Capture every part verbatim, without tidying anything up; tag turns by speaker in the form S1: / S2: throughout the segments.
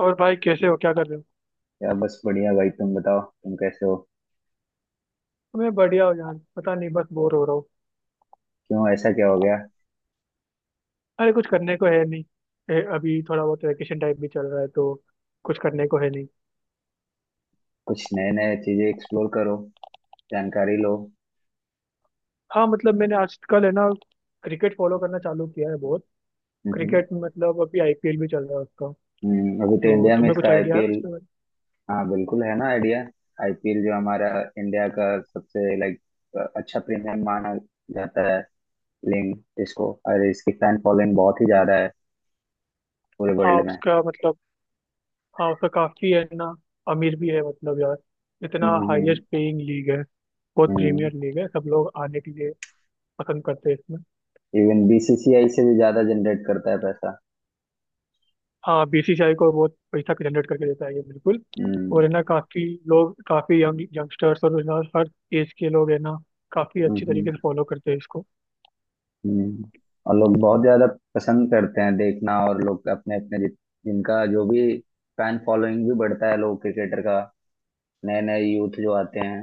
S1: और भाई कैसे हो क्या कर रहे हो?
S2: या बस बढ़िया भाई, तुम बताओ तुम कैसे हो।
S1: मैं बढ़िया हूँ यार पता नहीं बस बोर हो रहा हूँ।
S2: क्यों ऐसा क्या हो गया?
S1: अरे कुछ करने को है नहीं। ए, अभी थोड़ा बहुत वैकेशन टाइप भी चल रहा है तो कुछ करने को है नहीं।
S2: कुछ नए नए चीजें एक्सप्लोर करो। जानकारी लो।
S1: हाँ मतलब मैंने आजकल है ना क्रिकेट फॉलो करना चालू किया है बहुत।
S2: हम्म।
S1: क्रिकेट मतलब अभी आईपीएल भी चल रहा है उसका।
S2: हम्म, अभी तो
S1: तो
S2: इंडिया में
S1: तुम्हें
S2: इसका
S1: कुछ आइडिया है
S2: आईपीएल।
S1: उसके बारे में?
S2: हाँ, बिल्कुल है ना आइडिया। आईपीएल जो हमारा इंडिया का सबसे लाइक अच्छा प्रीमियम माना जाता है लीग इसको, और इसकी फैन फॉलोइंग बहुत ही ज्यादा है पूरे
S1: हाँ
S2: वर्ल्ड में।
S1: उसका मतलब हाँ उसका काफी है ना अमीर भी है मतलब यार। इतना
S2: हम्म,
S1: हाईएस्ट पेइंग लीग है। बहुत
S2: हम्म।
S1: प्रीमियर लीग है सब लोग आने के लिए पसंद करते हैं इसमें।
S2: इवन बीसीसीआई से भी ज्यादा जनरेट करता है पैसा।
S1: हाँ बीसीसीआई को बहुत पैसा जनरेट करके देता है ये बिल्कुल।
S2: हम्म,
S1: और है ना काफी लोग काफी यंग यंगस्टर्स और है ना हर एज के लोग है ना काफी
S2: हम्म,
S1: अच्छी तरीके
S2: हम्म।
S1: से फॉलो करते हैं इसको।
S2: हम्म, और लोग बहुत ज्यादा पसंद करते हैं देखना, और लोग अपने अपने जित- जिनका जो भी फैन फॉलोइंग भी बढ़ता है लोग क्रिकेटर का। नए नए यूथ जो आते हैं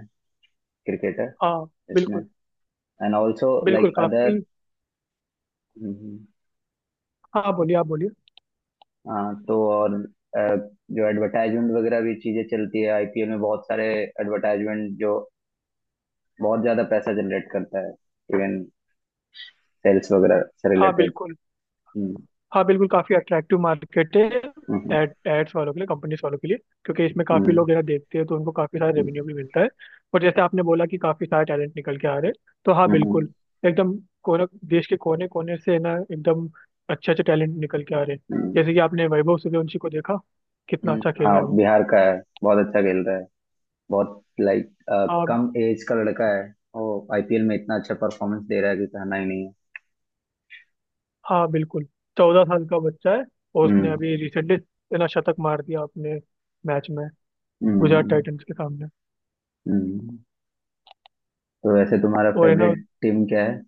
S2: क्रिकेटर
S1: हाँ
S2: इसमें।
S1: बिल्कुल
S2: एंड ऑल्सो
S1: बिल्कुल
S2: लाइक
S1: काफी।
S2: अदर।
S1: हाँ बोलिए आप बोलिए।
S2: हाँ, तो और अ, जो एडवर्टाइजमेंट वगैरह भी चीजें चलती है आईपीएल में, बहुत सारे एडवर्टाइजमेंट जो बहुत ज्यादा पैसा जनरेट करता है, इवन सेल्स वगैरह से
S1: हाँ
S2: रिलेटेड।
S1: बिल्कुल।
S2: हम्म,
S1: हाँ बिल्कुल काफी अट्रैक्टिव मार्केट है।
S2: हम्म,
S1: एड एड्स वालों के लिए कंपनीज वालों के लिए क्योंकि इसमें काफी
S2: हम्म,
S1: लोग जरा देखते हैं तो उनको काफी सारा
S2: हम्म,
S1: रेवेन्यू भी मिलता है। और जैसे आपने बोला कि काफी सारे टैलेंट निकल के आ रहे हैं तो हाँ बिल्कुल
S2: हम्म,
S1: एकदम। कोने देश के कोने कोने से ना एकदम अच्छे अच्छे टैलेंट निकल के आ रहे हैं।
S2: हम्म,
S1: जैसे कि आपने वैभव सूर्यवंशी को देखा कितना
S2: हम्म,
S1: अच्छा खेल रहा है
S2: हाँ,
S1: वो।
S2: बिहार का है। बहुत अच्छा खेल रहा है। बहुत लाइक
S1: हाँ
S2: कम एज का लड़का है, वो आईपीएल में इतना अच्छा परफॉर्मेंस दे रहा है कि कहना ही नहीं है।
S1: हाँ बिल्कुल। चौदह साल का बच्चा है और उसने
S2: हम्म,
S1: अभी रिसेंटली ना शतक मार दिया अपने मैच में गुजरात
S2: हम्म,
S1: टाइटंस के सामने
S2: हम्म। तो वैसे तुम्हारा
S1: और है ना।
S2: फेवरेट टीम क्या है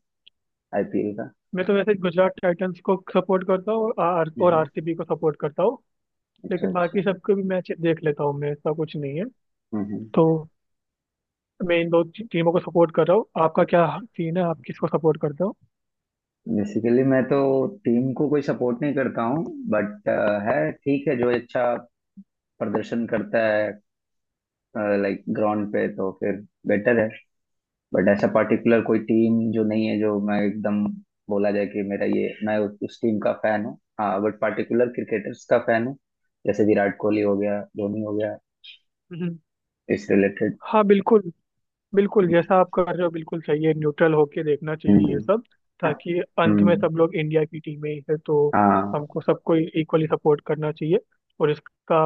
S2: आईपीएल का?
S1: मैं तो वैसे गुजरात टाइटंस को सपोर्ट करता हूँ और आर और
S2: हम्म,
S1: आरसीबी को सपोर्ट करता हूँ।
S2: अच्छा,
S1: लेकिन
S2: अच्छा।
S1: बाकी सबके भी मैच देख लेता हूँ मैं ऐसा कुछ नहीं है।
S2: हम्म।
S1: तो मैं इन दो टी- टीमों को सपोर्ट कर रहा हूँ। आपका क्या सीन है आप किसको सपोर्ट करते हो?
S2: बेसिकली मैं तो टीम को कोई सपोर्ट नहीं करता हूँ, बट है ठीक है, जो अच्छा प्रदर्शन करता है लाइक ग्राउंड पे तो फिर बेटर है। बट ऐसा पर्टिकुलर कोई टीम जो नहीं है, जो मैं एकदम बोला जाए कि मेरा ये, मैं उस, उस टीम का फैन हूँ, हाँ, बट पर्टिकुलर क्रिकेटर्स का फैन हूँ, जैसे विराट कोहली हो गया, धोनी हो गया,
S1: हम्म।
S2: इस रिलेटेड।
S1: हाँ बिल्कुल बिल्कुल जैसा आप कर रहे हो बिल्कुल सही है न्यूट्रल होके देखना चाहिए ये
S2: हम्म,
S1: सब। ताकि अंत में
S2: हम्म,
S1: सब लोग इंडिया की टीमें ही है तो
S2: हाँ,
S1: हमको सबको इक्वली सपोर्ट करना चाहिए। और इसका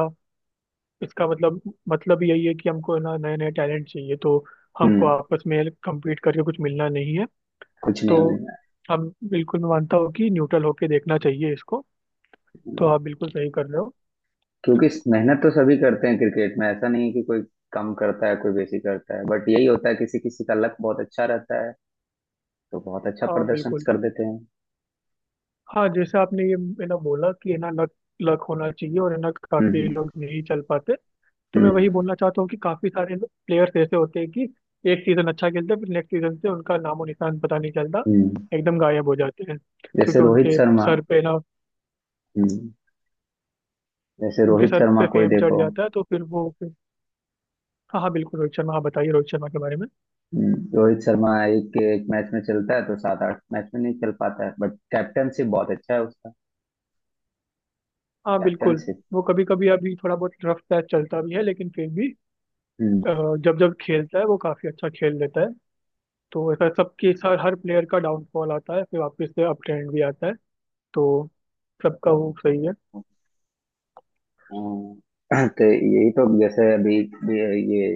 S1: इसका मतलब मतलब यही है कि हमको ना नए नए टैलेंट चाहिए तो हमको
S2: हम्म,
S1: आपस में कम्पीट करके कुछ मिलना नहीं है।
S2: कुछ नहीं
S1: तो
S2: मिलना।
S1: हम बिल्कुल मैं मानता हूँ कि न्यूट्रल होके देखना चाहिए इसको। तो आप बिल्कुल सही कर रहे हो।
S2: क्योंकि मेहनत तो सभी करते हैं क्रिकेट में, ऐसा नहीं है कि कोई कम करता है कोई बेसी करता है, बट यही होता है किसी किसी का लक बहुत अच्छा रहता है तो बहुत अच्छा
S1: हाँ
S2: प्रदर्शन
S1: बिल्कुल।
S2: कर देते हैं।
S1: हाँ जैसे आपने ये है ना बोला कि है ना लक लक होना चाहिए और है ना काफी
S2: हम्म,
S1: लोग नहीं चल पाते। तो
S2: हम्म,
S1: मैं वही
S2: हम्म।
S1: बोलना चाहता हूँ कि काफी सारे प्लेयर्स ऐसे होते हैं कि एक सीजन अच्छा खेलते हैं फिर नेक्स्ट सीजन से उनका नामो निशान पता नहीं चलता।
S2: हम्म।
S1: एकदम गायब हो जाते हैं।
S2: जैसे
S1: क्योंकि
S2: रोहित
S1: उनके
S2: शर्मा।
S1: सर पे ना
S2: हम्म। जैसे
S1: उनके
S2: रोहित
S1: सर
S2: शर्मा
S1: पे
S2: को ही
S1: फेम चढ़
S2: देखो।
S1: जाता है तो फिर वो फिर हाँ हाँ बिल्कुल रोहित शर्मा। हाँ बताइए रोहित शर्मा के बारे में।
S2: हम्म, रोहित शर्मा एक एक मैच में चलता है तो सात आठ मैच में नहीं चल पाता है, बट कैप्टनशिप बहुत अच्छा है उसका।
S1: हाँ बिल्कुल।
S2: कैप्टनशिप।
S1: वो कभी कभी अभी थोड़ा बहुत रफ पैच चलता भी है लेकिन फिर भी
S2: हम्म।
S1: अ, जब जब खेलता है वो काफी अच्छा खेल लेता है। तो ऐसा सबके सर हर प्लेयर का डाउनफॉल आता है फिर वापस से अप ट्रेंड भी आता है। तो सबका वो सही है।
S2: हाँ, तो यही तो जैसे अभी भी ये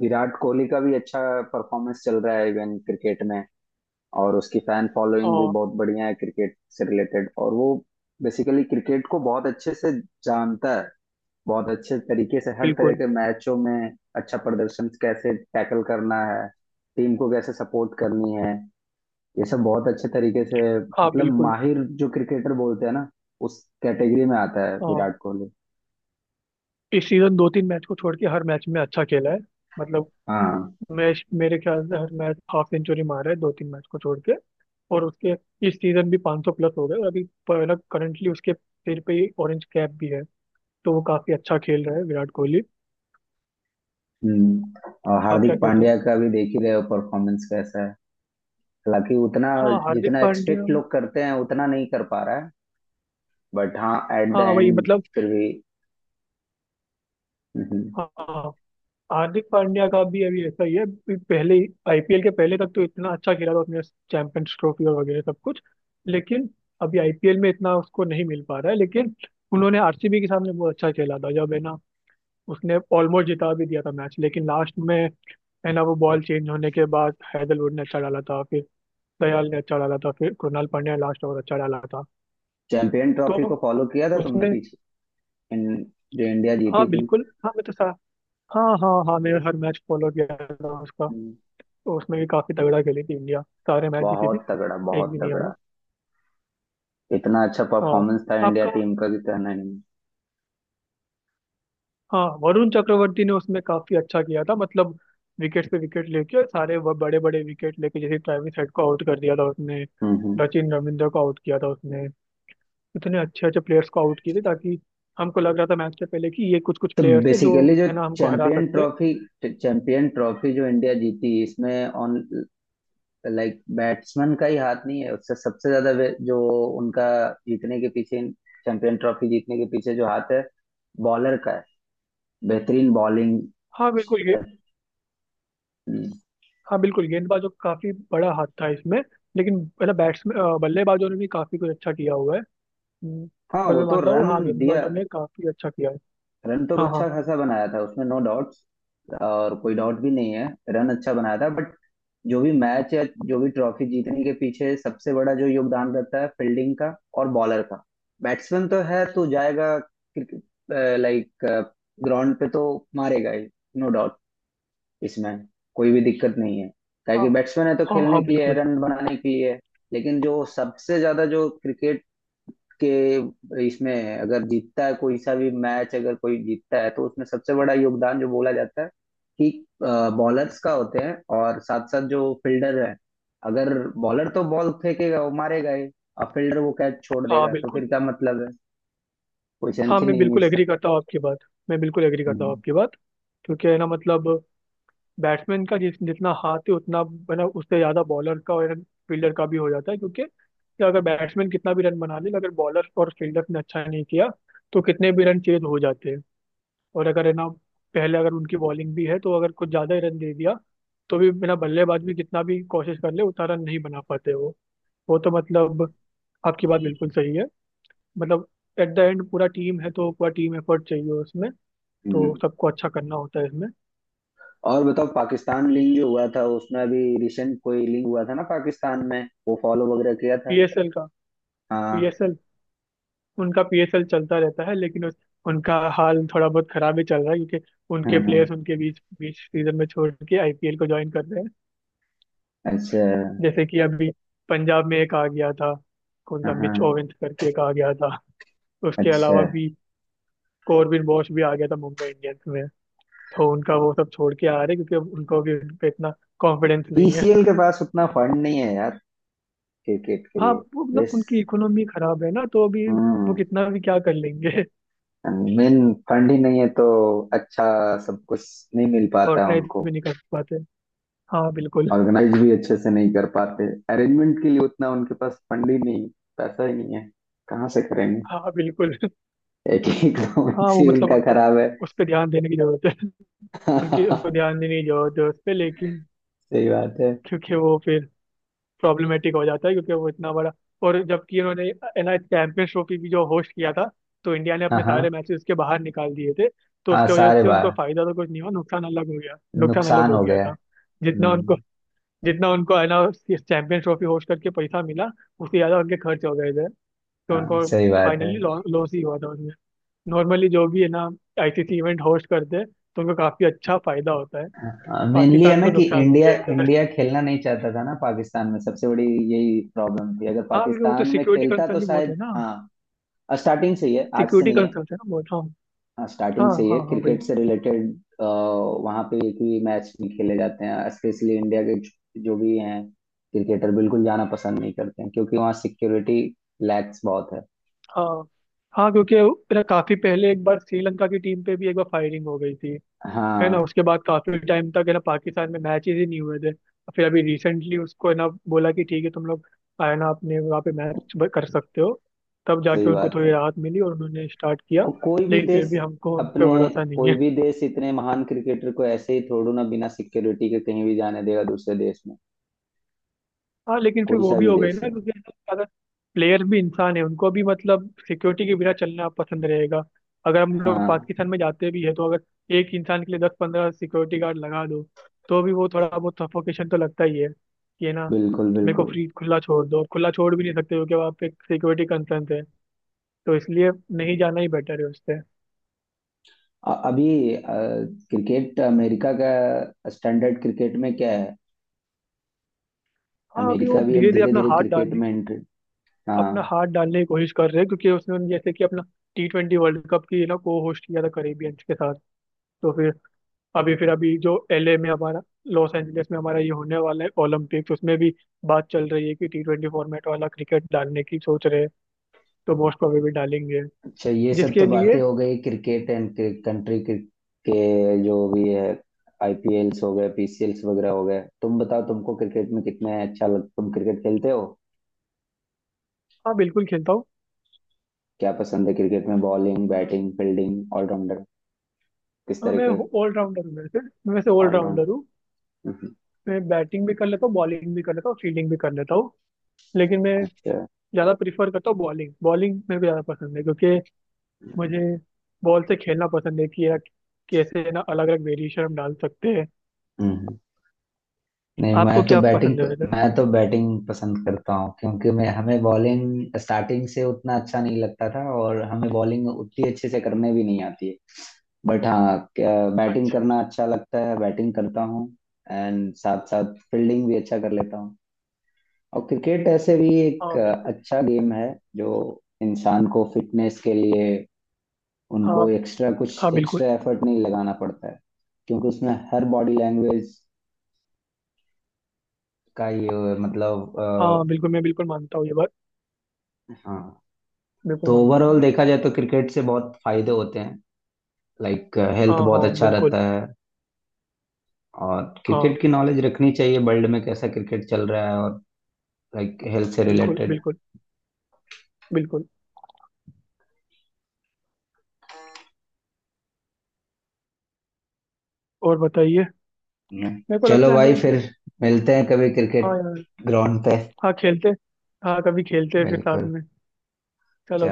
S2: विराट कोहली का भी अच्छा परफॉर्मेंस चल रहा है इवन क्रिकेट में, और उसकी फैन फॉलोइंग भी
S1: हाँ
S2: बहुत बढ़िया है क्रिकेट से रिलेटेड। और वो बेसिकली क्रिकेट को बहुत अच्छे से जानता है, बहुत अच्छे तरीके से हर तरह
S1: बिल्कुल
S2: के मैचों में अच्छा प्रदर्शन कैसे टैकल करना है, टीम को कैसे सपोर्ट करनी है, ये सब बहुत अच्छे तरीके से।
S1: हाँ
S2: मतलब
S1: बिल्कुल
S2: माहिर जो क्रिकेटर बोलते हैं ना, उस कैटेगरी में आता है
S1: हाँ।
S2: विराट कोहली।
S1: इस सीजन दो तीन मैच को छोड़ के हर मैच में अच्छा खेला है मतलब
S2: हाँ।
S1: मैं मेरे ख्याल से हर मैच हाफ सेंचुरी मारा है दो तीन मैच को छोड़ के। और उसके इस सीजन भी पाँच सौ प्लस हो गए और अभी पर ना करंटली उसके सिर पे ही ऑरेंज कैप भी है। तो वो काफी अच्छा खेल रहा है विराट कोहली।
S2: हम्म और
S1: आप क्या
S2: हार्दिक
S1: कहते हो?
S2: पांड्या का भी देख ही रहे हो परफॉर्मेंस कैसा है? हालांकि उतना
S1: हाँ हार्दिक
S2: जितना
S1: पांड्या
S2: एक्सपेक्ट लोग करते हैं उतना नहीं कर पा रहा है, बट हाँ, एट द
S1: हाँ वही
S2: एंड
S1: मतलब
S2: फिर भी। हम्म,
S1: हाँ। हार्दिक पांड्या का भी अभी ऐसा ही है अभी पहले आईपीएल के पहले तक तो इतना अच्छा खेला था उसने चैंपियंस ट्रॉफी और वगैरह सब कुछ। लेकिन अभी आईपीएल में इतना उसको नहीं मिल पा रहा है। लेकिन उन्होंने आरसीबी के सामने बहुत अच्छा खेला था जब है ना उसने ऑलमोस्ट जिता भी दिया था मैच लेकिन लास्ट में है ना वो बॉल चेंज होने के बाद हैदरवुड ने अच्छा डाला था। फिर दयाल ने अच्छा डाला था फिर कृणाल पांड्या ने लास्ट ओवर अच्छा डाला था।
S2: चैंपियन ट्रॉफी को
S1: तो
S2: फॉलो किया था तुमने
S1: उसमें
S2: पीछे, इन, जो इंडिया
S1: हाँ
S2: जीती थी?
S1: बिल्कुल हाँ मैं तो सा हाँ हाँ हाँ मैं हर मैच फॉलो किया था उसका।
S2: हम्म,
S1: तो उसमें भी काफी तगड़ा खेली थी इंडिया सारे मैच जीती
S2: बहुत
S1: थी
S2: तगड़ा,
S1: एक
S2: बहुत
S1: भी नहीं हारी।
S2: तगड़ा। इतना अच्छा
S1: हाँ
S2: परफॉर्मेंस था इंडिया
S1: आपका
S2: टीम का कि कहना नहीं।
S1: हाँ वरुण चक्रवर्ती ने उसमें काफी अच्छा किया था मतलब विकेट पे विकेट लेके और सारे वो बड़े बड़े विकेट लेके जैसे ट्रेविस हेड को आउट कर दिया था उसने।
S2: हम्म, हम्म।
S1: सचिन रविंद्र को आउट किया था उसने। इतने अच्छे अच्छे प्लेयर्स को आउट किए थे ताकि हमको लग रहा था मैच से पहले कि ये कुछ कुछ
S2: तो
S1: प्लेयर्स है जो
S2: बेसिकली जो
S1: है ना हमको हरा
S2: चैंपियन
S1: सकते हैं।
S2: ट्रॉफी, चैंपियन ट्रॉफी जो इंडिया जीती इसमें, ऑन लाइक बैट्समैन का ही हाथ नहीं है उससे, सबसे ज्यादा वे- जो उनका जीतने के पीछे, चैंपियन ट्रॉफी जीतने के पीछे जो हाथ है बॉलर का है, बेहतरीन बॉलिंग।
S1: हाँ बिल्कुल ये
S2: हम्म,
S1: हाँ बिल्कुल गेंदबाजों का काफी बड़ा हाथ था इसमें लेकिन है ना बैट्समैन बल्लेबाजों ने भी काफी कुछ अच्छा किया हुआ है। हम्म,
S2: हाँ,
S1: पर
S2: वो
S1: मैं
S2: तो
S1: मानता हूँ
S2: रन
S1: हाँ
S2: दिया।
S1: गेंदबाजों ने काफी अच्छा किया है।
S2: रन तो
S1: हाँ हाँ
S2: अच्छा खासा बनाया था उसमें, नो डाउट्स, और कोई डाउट भी नहीं है। रन अच्छा बनाया था, बट जो भी मैच या जो भी ट्रॉफी जीतने के पीछे सबसे बड़ा जो योगदान रहता है फील्डिंग का और बॉलर का। बैट्समैन तो है तो जाएगा, लाइक ग्राउंड पे तो मारेगा ही, नो डाउट, इसमें कोई भी दिक्कत नहीं है,
S1: हाँ
S2: ताकि बैट्समैन है तो
S1: हाँ
S2: खेलने
S1: हाँ
S2: के लिए,
S1: बिल्कुल
S2: रन बनाने के लिए। लेकिन जो सबसे ज्यादा जो क्रिकेट के इसमें, अगर जीतता है कोई सा भी मैच, अगर कोई जीतता है, तो उसमें सबसे बड़ा योगदान जो बोला जाता है कि बॉलर्स का होते हैं, और साथ साथ जो फील्डर है, अगर बॉलर तो बॉल फेंकेगा वो मारेगा ही, और फील्डर वो कैच छोड़
S1: हाँ
S2: देगा तो
S1: बिल्कुल
S2: फिर क्या मतलब है, कोई
S1: हाँ।
S2: सेंस ही
S1: मैं
S2: नहीं है
S1: बिल्कुल
S2: इसका।
S1: एग्री करता हूँ आपकी बात। मैं बिल्कुल एग्री करता हूँ
S2: हम्म,
S1: आपकी बात। क्योंकि है ना मतलब बैट्समैन का जिस जितना हाथ है उतना है ना उससे ज़्यादा बॉलर का और फील्डर का भी हो जाता है। क्योंकि अगर बैट्समैन कितना भी रन बना ले अगर बॉलर और फील्डर ने अच्छा नहीं किया तो कितने भी रन चेज हो जाते हैं। और अगर है ना पहले अगर उनकी बॉलिंग भी है तो अगर कुछ ज़्यादा ही रन दे दिया तो भी बिना बल्लेबाज भी कितना भी कोशिश कर ले उतना रन नहीं बना पाते वो। वो तो मतलब आपकी बात बिल्कुल सही है। मतलब एट द एंड पूरा टीम है तो पूरा टीम एफर्ट चाहिए उसमें। तो
S2: हम्म।
S1: सबको अच्छा करना होता है इसमें।
S2: और बताओ, पाकिस्तान लिंग जो हुआ था उसमें, अभी रिसेंट कोई लिंग हुआ था ना पाकिस्तान में, वो फॉलो वगैरह किया था?
S1: पीएसएल का
S2: हाँ,
S1: पीएसएल उनका पीएसएल चलता रहता है लेकिन उस, उनका हाल थोड़ा बहुत खराब ही चल रहा है क्योंकि उनके
S2: हाँ,
S1: प्लेयर्स
S2: हाँ।
S1: उनके बीच बीच सीजन में छोड़ के आईपीएल को ज्वाइन कर रहे हैं।
S2: अच्छा।
S1: जैसे कि अभी पंजाब में एक आ गया था कौन
S2: हाँ,
S1: था
S2: हाँ।
S1: मिच ओवेंस करके एक आ गया था। उसके
S2: अच्छा।
S1: अलावा भी कॉर्बिन बॉश भी आ गया था मुंबई इंडियंस में। तो उनका वो सब छोड़ के आ रहे हैं क्योंकि उनको भी उन पे इतना कॉन्फिडेंस नहीं है।
S2: पीसीएल के पास उतना फंड नहीं है यार, क्रिकेट के
S1: हाँ वो
S2: लिए।
S1: मतलब
S2: यस।
S1: उनकी इकोनॉमी खराब है ना तो अभी वो
S2: हम्म।
S1: कितना भी क्या कर लेंगे।
S2: मेन फंड ही नहीं है तो। अच्छा। सब कुछ नहीं मिल पाता है
S1: ऑर्गेनाइज
S2: उनको।
S1: भी नहीं कर पाते। हाँ बिल्कुल
S2: ऑर्गेनाइज भी अच्छे से नहीं कर पाते। अरेंजमेंट के लिए उतना उनके पास फंड ही नहीं, पैसा ही नहीं है, कहाँ से करेंगे।
S1: हाँ बिल्कुल।
S2: एक ही
S1: हाँ
S2: इकोनॉमिक्स
S1: वो
S2: ही
S1: मतलब
S2: उनका
S1: उनको
S2: खराब है।
S1: उस पर ध्यान देने की जरूरत है। उनकी उनको ध्यान देने की जरूरत है उस पर लेकिन
S2: सही बात है।
S1: क्योंकि वो फिर प्रॉब्लमेटिक हो जाता है क्योंकि वो इतना बड़ा। और जबकि उन्होंने एनआई चैंपियंस ट्रॉफी भी जो होस्ट किया था तो इंडिया ने
S2: हाँ,
S1: अपने
S2: हाँ,
S1: सारे मैचेस उसके बाहर निकाल दिए थे। तो
S2: हाँ,
S1: उसके वजह
S2: सारे
S1: से उनको
S2: बार
S1: फायदा तो कुछ नहीं हुआ नुकसान अलग हो गया नुकसान अलग
S2: नुकसान
S1: हो
S2: हो
S1: गया
S2: गया।
S1: था। जितना उनको
S2: हम्म।
S1: जितना उनको है ना चैंपियंस ट्रॉफी होस्ट करके पैसा मिला उससे ज्यादा उनके खर्च हो गए थे। तो
S2: हाँ,
S1: उनको
S2: सही बात है।
S1: फाइनली लॉस ही हुआ था। नॉर्मली जो भी है ना आईसीसी इवेंट होस्ट करते हैं तो उनको काफी अच्छा फायदा होता है।
S2: मेनली है
S1: पाकिस्तान
S2: ना
S1: को
S2: कि
S1: नुकसान हो
S2: इंडिया,
S1: गया इधर।
S2: इंडिया खेलना नहीं चाहता था ना पाकिस्तान में, सबसे बड़ी यही प्रॉब्लम थी। अगर
S1: हाँ क्योंकि वो तो
S2: पाकिस्तान में
S1: सिक्योरिटी
S2: खेलता
S1: कंसर्न
S2: तो
S1: भी बहुत
S2: शायद,
S1: है ना।
S2: हाँ, स्टार्टिंग से ही है, आज से
S1: सिक्योरिटी
S2: नहीं है।
S1: कंसर्न है ना बहुत हाँ।
S2: हाँ,
S1: हाँ
S2: स्टार्टिंग से ही है
S1: हाँ हाँ भाई।
S2: क्रिकेट से रिलेटेड, वहाँ पे एक ही मैच भी खेले जाते हैं स्पेशली इंडिया के, जो जो भी हैं क्रिकेटर बिल्कुल जाना पसंद नहीं करते हैं क्योंकि वहाँ सिक्योरिटी लैक्स बहुत है।
S1: हाँ हाँ क्योंकि मेरा काफी पहले एक बार श्रीलंका की टीम पे भी एक बार फायरिंग हो गई थी। है ना
S2: हाँ,
S1: उसके बाद काफी टाइम तक है ना पाकिस्तान में मैचेस ही नहीं हुए थे। फिर अभी रिसेंटली उसको है ना बोला कि ठीक है तुम लोग है ना अपने वहाँ पे मैच कर सकते हो। तब जाके
S2: सही
S1: उनको
S2: बात
S1: थोड़ी
S2: है।
S1: राहत मिली और उन्होंने स्टार्ट किया।
S2: और कोई भी
S1: लेकिन फिर
S2: देश
S1: भी हमको उन पे
S2: अपने
S1: भरोसा नहीं
S2: कोई
S1: है।
S2: भी देश इतने महान क्रिकेटर को ऐसे ही थोड़ू ना बिना सिक्योरिटी के कहीं भी जाने देगा दूसरे देश में,
S1: हाँ लेकिन फिर
S2: कोई
S1: वो
S2: सा
S1: भी
S2: भी
S1: हो गई
S2: देश
S1: ना
S2: है।
S1: क्योंकि अगर प्लेयर भी इंसान है उनको भी मतलब सिक्योरिटी के बिना चलना पसंद रहेगा। अगर हम लोग
S2: हाँ,
S1: पाकिस्तान में जाते भी है तो अगर एक इंसान के लिए दस पंद्रह सिक्योरिटी गार्ड लगा दो तो भी वो थोड़ा बहुत सफोकेशन तो लगता ही है कि है ना।
S2: बिल्कुल,
S1: मेरे को
S2: बिल्कुल।
S1: फ्री खुला छोड़ दो खुला छोड़ भी नहीं सकते क्योंकि वहाँ पे सिक्योरिटी कंसर्न है। तो इसलिए नहीं जाना ही बेटर है उससे।
S2: अ- अभी अ, क्रिकेट अमेरिका का, स्टैंडर्ड क्रिकेट में क्या है?
S1: हाँ अभी वो
S2: अमेरिका भी अब
S1: धीरे धीरे
S2: धीरे
S1: अपना
S2: धीरे
S1: हाथ
S2: क्रिकेट
S1: डालने
S2: में एंट्री?
S1: अपना
S2: हाँ,
S1: हाथ डालने की कोशिश कर रहे हैं क्योंकि उसने जैसे कि अपना टी ट्वेंटी वर्ल्ड कप की ना को होस्ट किया था करेबियंस के साथ। तो फिर अभी फिर अभी जो एलए में हमारा लॉस एंजलिस में हमारा ये होने वाला है ओलंपिक्स उसमें भी बात चल रही है कि टी ट्वेंटी फॉर्मेट वाला क्रिकेट डालने की सोच रहे हैं। तो मोस्ट प्रोबेबली डालेंगे
S2: अच्छा, ये सब तो
S1: जिसके लिए।
S2: बातें हो गई क्रिकेट एंड कंट्री के, के जो भी है, आईपीएल्स हो गए, पीसीएल्स वगैरह हो गए। तुम बताओ, तुमको क्रिकेट में कितने अच्छा लग तुम क्रिकेट खेलते हो?
S1: हाँ बिल्कुल खेलता हूँ।
S2: क्या पसंद है क्रिकेट में? बॉलिंग, बैटिंग, फील्डिंग, ऑलराउंडर, किस
S1: हाँ
S2: तरह
S1: मैं
S2: के?
S1: ऑलराउंडर हूँ वैसे। मैं वैसे
S2: ऑलराउंड।
S1: ऑलराउंडर हूँ। मैं बैटिंग भी कर लेता हूँ बॉलिंग भी कर लेता हूँ फील्डिंग भी कर लेता हूँ। लेकिन मैं
S2: अच्छा।
S1: ज़्यादा प्रीफर करता हूँ बॉलिंग। बॉलिंग मेरे को ज़्यादा पसंद है क्योंकि मुझे बॉल से खेलना पसंद है कि यार कैसे ना अलग अलग वेरिएशन हम डाल सकते हैं।
S2: हम्म। नहीं,
S1: आपको
S2: मैं तो
S1: क्या
S2: बैटिंग
S1: पसंद है वैसे?
S2: मैं तो बैटिंग पसंद करता हूँ, क्योंकि मैं, हमें बॉलिंग स्टार्टिंग से उतना अच्छा नहीं लगता था, और हमें बॉलिंग उतनी अच्छे से करने भी नहीं आती है, बट हाँ, बैटिंग
S1: अच्छा।
S2: करना अच्छा लगता है, बैटिंग करता हूँ। एंड साथ साथ फील्डिंग भी अच्छा कर लेता हूँ। और क्रिकेट ऐसे भी एक
S1: हाँ
S2: अ,
S1: बिल्कुल।
S2: अच्छा गेम है, जो इंसान को फिटनेस के लिए
S1: हाँ
S2: उनको एक्स्ट्रा
S1: हाँ
S2: कुछ
S1: बिल्कुल।
S2: एक्स्ट्रा एफर्ट नहीं लगाना पड़ता है, क्योंकि उसमें हर बॉडी लैंग्वेज का ये मतलब।
S1: हाँ
S2: अ,
S1: बिल्कुल मैं बिल्कुल मानता हूँ ये बात।
S2: हाँ,
S1: बिल्कुल
S2: तो
S1: मानता हूँ
S2: ओवरऑल
S1: मैं।
S2: देखा जाए तो क्रिकेट से बहुत फायदे होते हैं, लाइक
S1: हाँ
S2: हेल्थ
S1: हाँ
S2: बहुत अच्छा
S1: बिल्कुल।
S2: रहता है। और
S1: हाँ
S2: क्रिकेट की नॉलेज रखनी चाहिए, वर्ल्ड में कैसा क्रिकेट चल रहा है, और लाइक हेल्थ से
S1: बिल्कुल
S2: रिलेटेड।
S1: बिल्कुल बिल्कुल। और बताइए मेरे को लगता
S2: चलो
S1: है हमें
S2: भाई, फिर
S1: अभी।
S2: मिलते हैं कभी
S1: हाँ
S2: क्रिकेट
S1: यार।
S2: ग्राउंड पे।
S1: हाँ खेलते हाँ कभी खेलते हैं फिर साथ
S2: बिल्कुल।
S1: में। चलो।